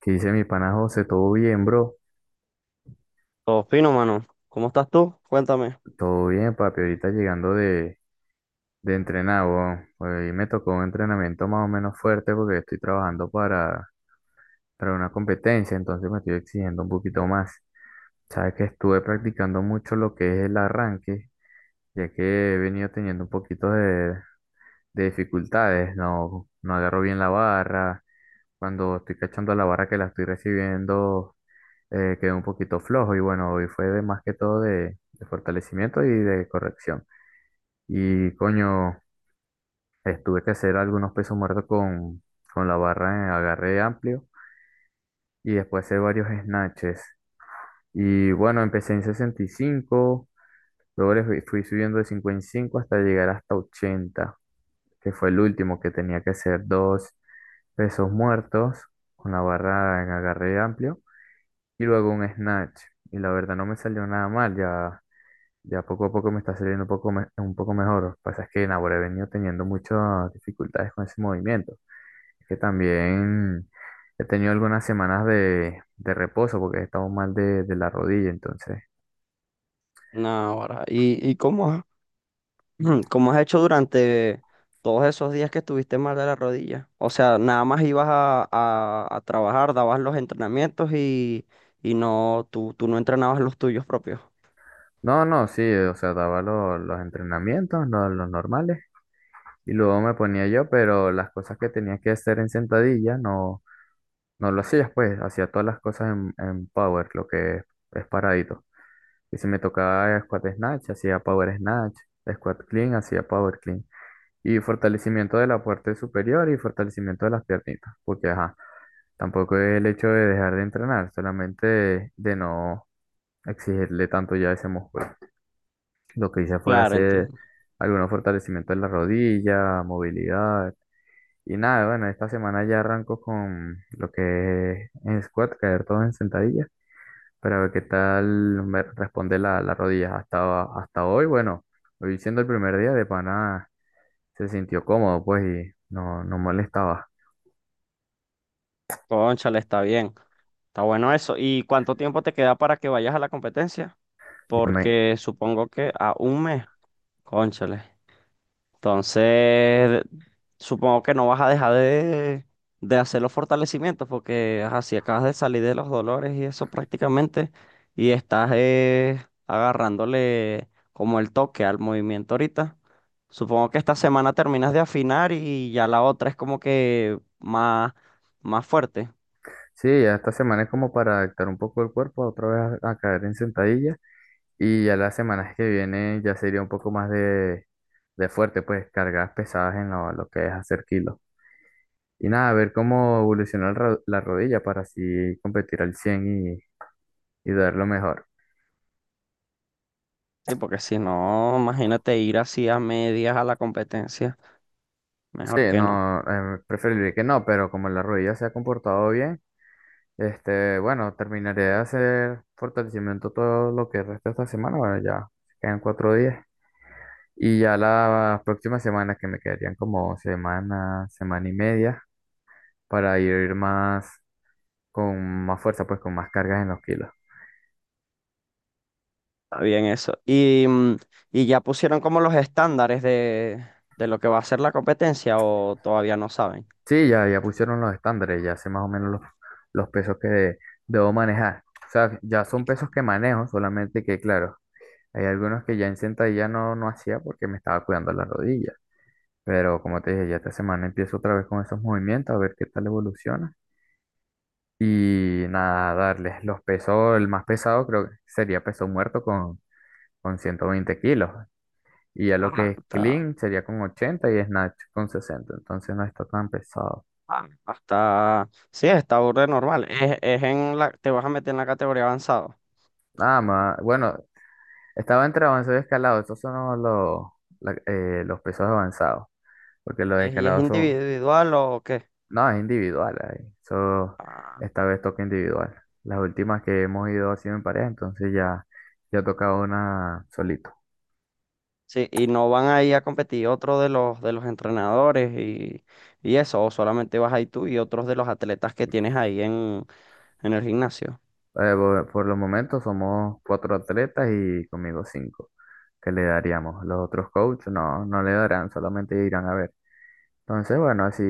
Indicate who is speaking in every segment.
Speaker 1: ¿Qué dice mi pana José? ¿Todo bien, bro?
Speaker 2: Todo fino, mano. ¿Cómo estás tú? Cuéntame.
Speaker 1: Todo bien, papi. Ahorita llegando de entrenar, weón. Hoy me tocó un entrenamiento más o menos fuerte porque estoy trabajando para una competencia, entonces me estoy exigiendo un poquito más. Sabes que estuve practicando mucho lo que es el arranque, ya que he venido teniendo un poquito de dificultades. No agarro bien la barra. Cuando estoy cachando la barra que la estoy recibiendo. Quedé un poquito flojo y bueno, hoy fue de más que todo de fortalecimiento y de corrección. Y coño, tuve que hacer algunos pesos muertos con la barra en agarre amplio y después hacer varios snatches. Y bueno, empecé en 65, luego le fui subiendo de 55 hasta llegar hasta 80, que fue el último que tenía que hacer dos pesos muertos con la barra en agarre amplio y luego un snatch. Y la verdad no me salió nada mal. Ya Ya poco a poco me está saliendo un poco, un poco mejor. Lo que pasa es que en he venido teniendo muchas dificultades con ese movimiento. Es que también he tenido algunas semanas de reposo porque he estado mal de la rodilla. Entonces,
Speaker 2: Nah, ahora. ¿Y cómo has, cómo has hecho durante todos esos días que estuviste mal de la rodilla? O sea, nada más ibas a trabajar, dabas los entrenamientos y, no, tú no entrenabas los tuyos propios.
Speaker 1: no, no, sí, o sea, daba los entrenamientos, los normales, y luego me ponía yo, pero las cosas que tenía que hacer en sentadilla no, no lo hacía, pues, hacía todas las cosas en power, lo que es paradito. Y si me tocaba squat snatch, hacía power snatch, squat clean, hacía power clean. Y fortalecimiento de la parte superior y fortalecimiento de las piernitas, porque ajá, tampoco es el hecho de dejar de entrenar, solamente de no exigirle tanto ya a ese músculo. Lo que hice fue
Speaker 2: Claro,
Speaker 1: hacer
Speaker 2: entiendo.
Speaker 1: algunos fortalecimientos en la rodilla, movilidad. Y nada, bueno, esta semana ya arranco con lo que es en squat, caer todo en sentadilla. Para ver qué tal me responde la, la rodilla. Hasta hoy, bueno, hoy siendo el primer día de pana, se sintió cómodo, pues, y no, no molestaba.
Speaker 2: Cónchale, está bien. Está bueno eso. ¿Y cuánto tiempo te queda para que vayas a la competencia?
Speaker 1: Ya me-
Speaker 2: Porque supongo que a un mes. Cónchale. Entonces, supongo que no vas a dejar de hacer los fortalecimientos porque ajá, si acabas de salir de los dolores y eso prácticamente y estás agarrándole como el toque al movimiento ahorita. Supongo que esta semana terminas de afinar y ya la otra es como que más, más fuerte.
Speaker 1: sí, ya esta semana es como para adaptar un poco el cuerpo, otra vez a caer en sentadilla. Y ya las semanas que vienen ya sería un poco más de fuerte, pues, cargas pesadas en lo que es hacer kilos. Y nada, a ver cómo evoluciona el la rodilla para así competir al 100 y, y dar lo mejor.
Speaker 2: Sí, porque si no, imagínate ir así a medias a la competencia.
Speaker 1: Sí,
Speaker 2: Mejor que no.
Speaker 1: no, preferiría que no, pero como la rodilla se ha comportado bien, este, bueno, terminaré de hacer fortalecimiento todo lo que resta esta semana, bueno, ya quedan cuatro días. Y ya las próximas semanas, que me quedarían como semana, semana y media, para ir más, con más fuerza, pues con más cargas en los kilos.
Speaker 2: Está bien eso. Y, y ya pusieron como los estándares de lo que va a ser la competencia o todavía no saben.
Speaker 1: Sí, ya, ya pusieron los estándares, ya sé más o menos los pesos que debo manejar. O sea, ya son
Speaker 2: Y- que-
Speaker 1: pesos que manejo, solamente que, claro. Hay algunos que ya en sentadilla no, no hacía porque me estaba cuidando las rodillas. Pero como te dije, ya esta semana empiezo otra vez con esos movimientos, a ver qué tal evoluciona. Y nada, darles los pesos, el más pesado creo que sería peso muerto con 120 kilos. Y ya lo que
Speaker 2: Ajá,
Speaker 1: es
Speaker 2: está,
Speaker 1: clean sería con 80 y snatch con 60. Entonces no está tan pesado.
Speaker 2: ah, hasta, sí, está burda de normal. Es en la, te vas a meter en la categoría avanzado.
Speaker 1: Nada más, bueno, estaba entre avanzado y escalado. Estos son los, los pesos avanzados. Porque los
Speaker 2: Y es
Speaker 1: escalados son,
Speaker 2: individual o qué?
Speaker 1: no, es individual ahí. Eso,
Speaker 2: Ah,
Speaker 1: esta vez toca individual. Las últimas que hemos ido ha sido en pareja, entonces ya, ya toca una solito.
Speaker 2: sí, y no van a ir a competir otro de los entrenadores y eso, o solamente vas ahí tú y otros de los atletas que tienes ahí en el gimnasio.
Speaker 1: Por por los momentos somos cuatro atletas y conmigo cinco que le daríamos. Los otros coaches no, no le darán, solamente irán a ver. Entonces, bueno, así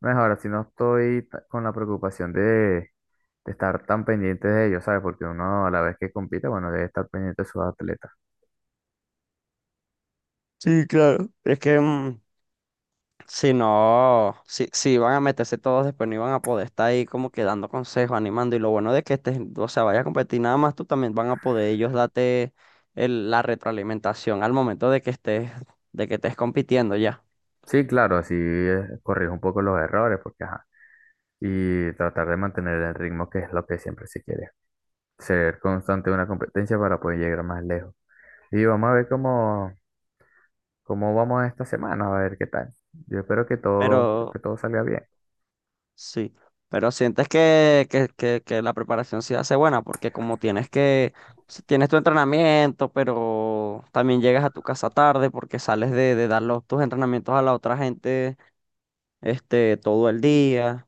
Speaker 1: mejor, así no estoy con la preocupación de estar tan pendiente de ellos, ¿sabes? Porque uno a la vez que compite, bueno, debe estar pendiente de sus atletas.
Speaker 2: Sí, claro. Es que si no, si, si van a meterse todos después, no iban a poder estar ahí como que dando consejos, animando. Y lo bueno de que este, o sea, vaya a competir nada más, tú también van a poder ellos darte el- la retroalimentación al momento de que estés compitiendo ya.
Speaker 1: Sí, claro, así corrijo un poco los errores, porque ajá, y tratar de mantener el ritmo, que es lo que siempre se quiere. Ser constante en una competencia para poder llegar más lejos. Y vamos a ver cómo vamos esta semana, a ver qué tal. Yo espero
Speaker 2: Pero
Speaker 1: que todo salga bien.
Speaker 2: sí, pero sientes que la preparación sí hace buena, porque como tienes que, si tienes tu entrenamiento, pero también llegas a tu casa tarde porque sales de dar los, tus entrenamientos a la otra gente, este, todo el día.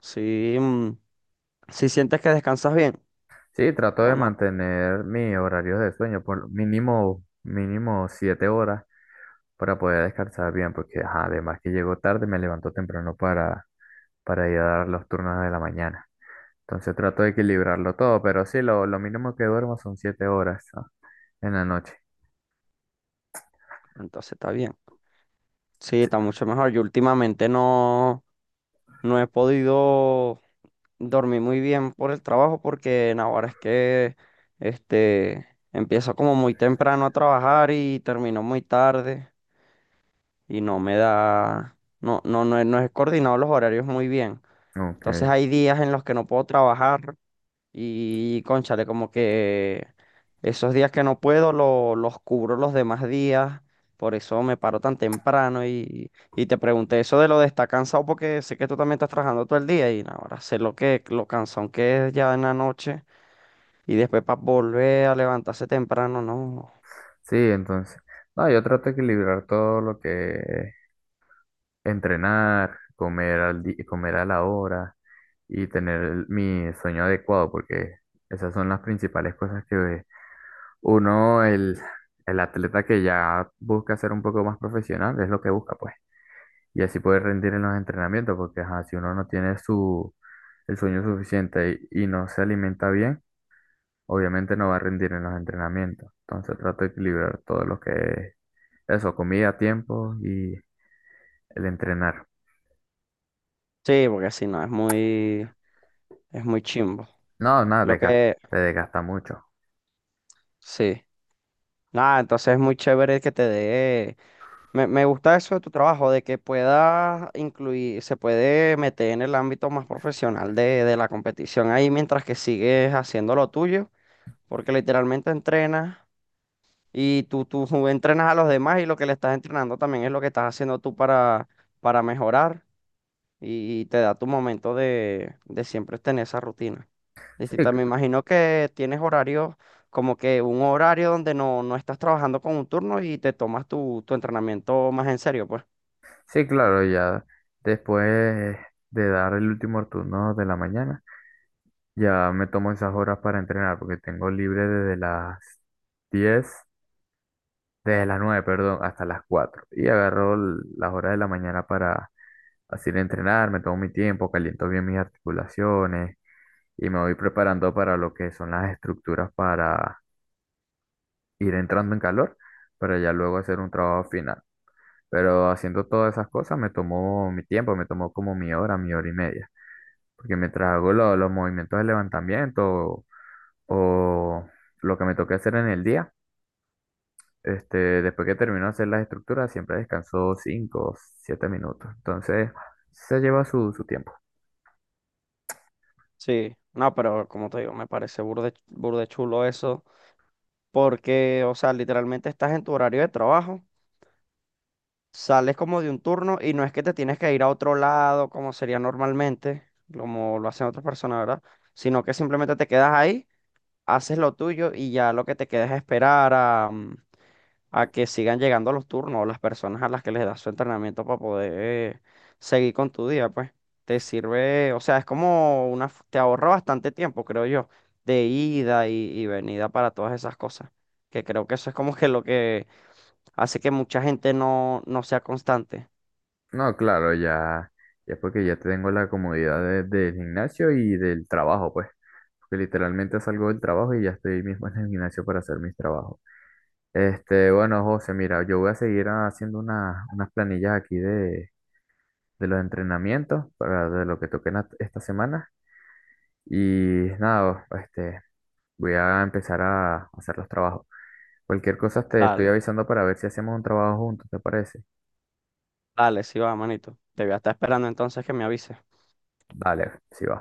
Speaker 2: Si, si sientes que descansas bien
Speaker 1: Sí, trato de
Speaker 2: o no,
Speaker 1: mantener mis horarios de sueño por mínimo, mínimo 7 horas para poder descansar bien, porque ajá, además que llego tarde, me levanto temprano para ir a dar los turnos de la mañana. Entonces trato de equilibrarlo todo, pero sí, lo mínimo que duermo son 7 horas, ah, en la noche.
Speaker 2: entonces está bien. Sí,
Speaker 1: Sí,
Speaker 2: está mucho mejor. Yo últimamente no, no he podido dormir muy bien por el trabajo porque en ahora es que este, empiezo como muy temprano a trabajar y termino muy tarde y no me da, no, no, no, he- no he coordinado los horarios muy bien. Entonces
Speaker 1: ok.
Speaker 2: hay días en los que no puedo trabajar. Y cónchale, como que esos días que no puedo lo- los cubro los demás días, por eso me paro tan temprano y te pregunté eso de lo de estar cansado porque sé que tú también estás trabajando todo el día y ahora sé lo que lo cansón que es ya en la noche y después para volver a levantarse temprano, no.
Speaker 1: Sí, entonces. No, yo trato de equilibrar todo lo que es entrenar, comer a la hora y tener mi sueño adecuado, porque esas son las principales cosas que uno, el atleta que ya busca ser un poco más profesional, es lo que busca, pues. Y así poder rendir en los entrenamientos, porque ajá, si uno no tiene su, el sueño suficiente y no se alimenta bien, obviamente no va a rendir en los entrenamientos. Entonces trato de equilibrar todo lo que es eso, comida, tiempo y el entrenar.
Speaker 2: Sí, porque si no es muy es muy chimbo.
Speaker 1: No, nada,
Speaker 2: Lo que
Speaker 1: te desgasta mucho.
Speaker 2: sí. Nada, entonces es muy chévere que te dé. Me gusta eso de tu trabajo, de que puedas incluir, se puede meter en el ámbito más profesional de la competición ahí mientras que sigues haciendo lo tuyo, porque literalmente entrenas y tú entrenas a los demás y lo que le estás entrenando también es lo que estás haciendo tú para mejorar y te da tu momento de siempre tener esa rutina.
Speaker 1: Sí,
Speaker 2: Distinta, me
Speaker 1: cl-
Speaker 2: imagino que tienes horarios como que un horario donde no, no estás trabajando con un turno y te tomas tu, tu entrenamiento más en serio, pues.
Speaker 1: sí, claro, ya después de dar el último turno de la mañana, ya me tomo esas horas para entrenar, porque tengo libre desde las diez. Desde las 9, perdón, hasta las cuatro. Y agarro las horas de la mañana para así ir a entrenar, me tomo mi tiempo, caliento bien mis articulaciones y me voy preparando para lo que son las estructuras para ir entrando en calor, para ya luego hacer un trabajo final. Pero haciendo todas esas cosas me tomó mi tiempo, me tomó como mi hora y media. Porque mientras hago los movimientos de levantamiento o lo que me toque hacer en el día, este, después que terminó de hacer las estructuras, siempre descansó 5 o 7 minutos. Entonces, se lleva su, su tiempo.
Speaker 2: Sí, no, pero como te digo, me parece burde, burde chulo eso, porque, o sea, literalmente estás en tu horario de trabajo, sales como de un turno y no es que te tienes que ir a otro lado como sería normalmente, como lo hacen otras personas, ¿verdad? Sino que simplemente te quedas ahí, haces lo tuyo y ya lo que te queda es esperar a a que sigan llegando los turnos, las personas a las que les das su entrenamiento para poder seguir con tu día, pues te sirve, o sea, es como una, f- te ahorra bastante tiempo, creo yo, de ida y venida para todas esas cosas, que creo que eso es como que lo que hace que mucha gente no, no sea constante.
Speaker 1: No, claro, ya, ya porque ya tengo la comodidad del gimnasio y del trabajo, pues. Porque literalmente salgo del trabajo y ya estoy mismo en el gimnasio para hacer mis trabajos. Este, bueno, José, mira, yo voy a seguir haciendo unas planillas aquí de los entrenamientos para de lo que toquen esta semana. Y nada, este, voy a empezar a hacer los trabajos. Cualquier cosa te estoy
Speaker 2: Dale,
Speaker 1: avisando para ver si hacemos un trabajo juntos, ¿te parece?
Speaker 2: dale, sí va, manito. Te voy a estar esperando entonces que me avises.
Speaker 1: Dale, si va.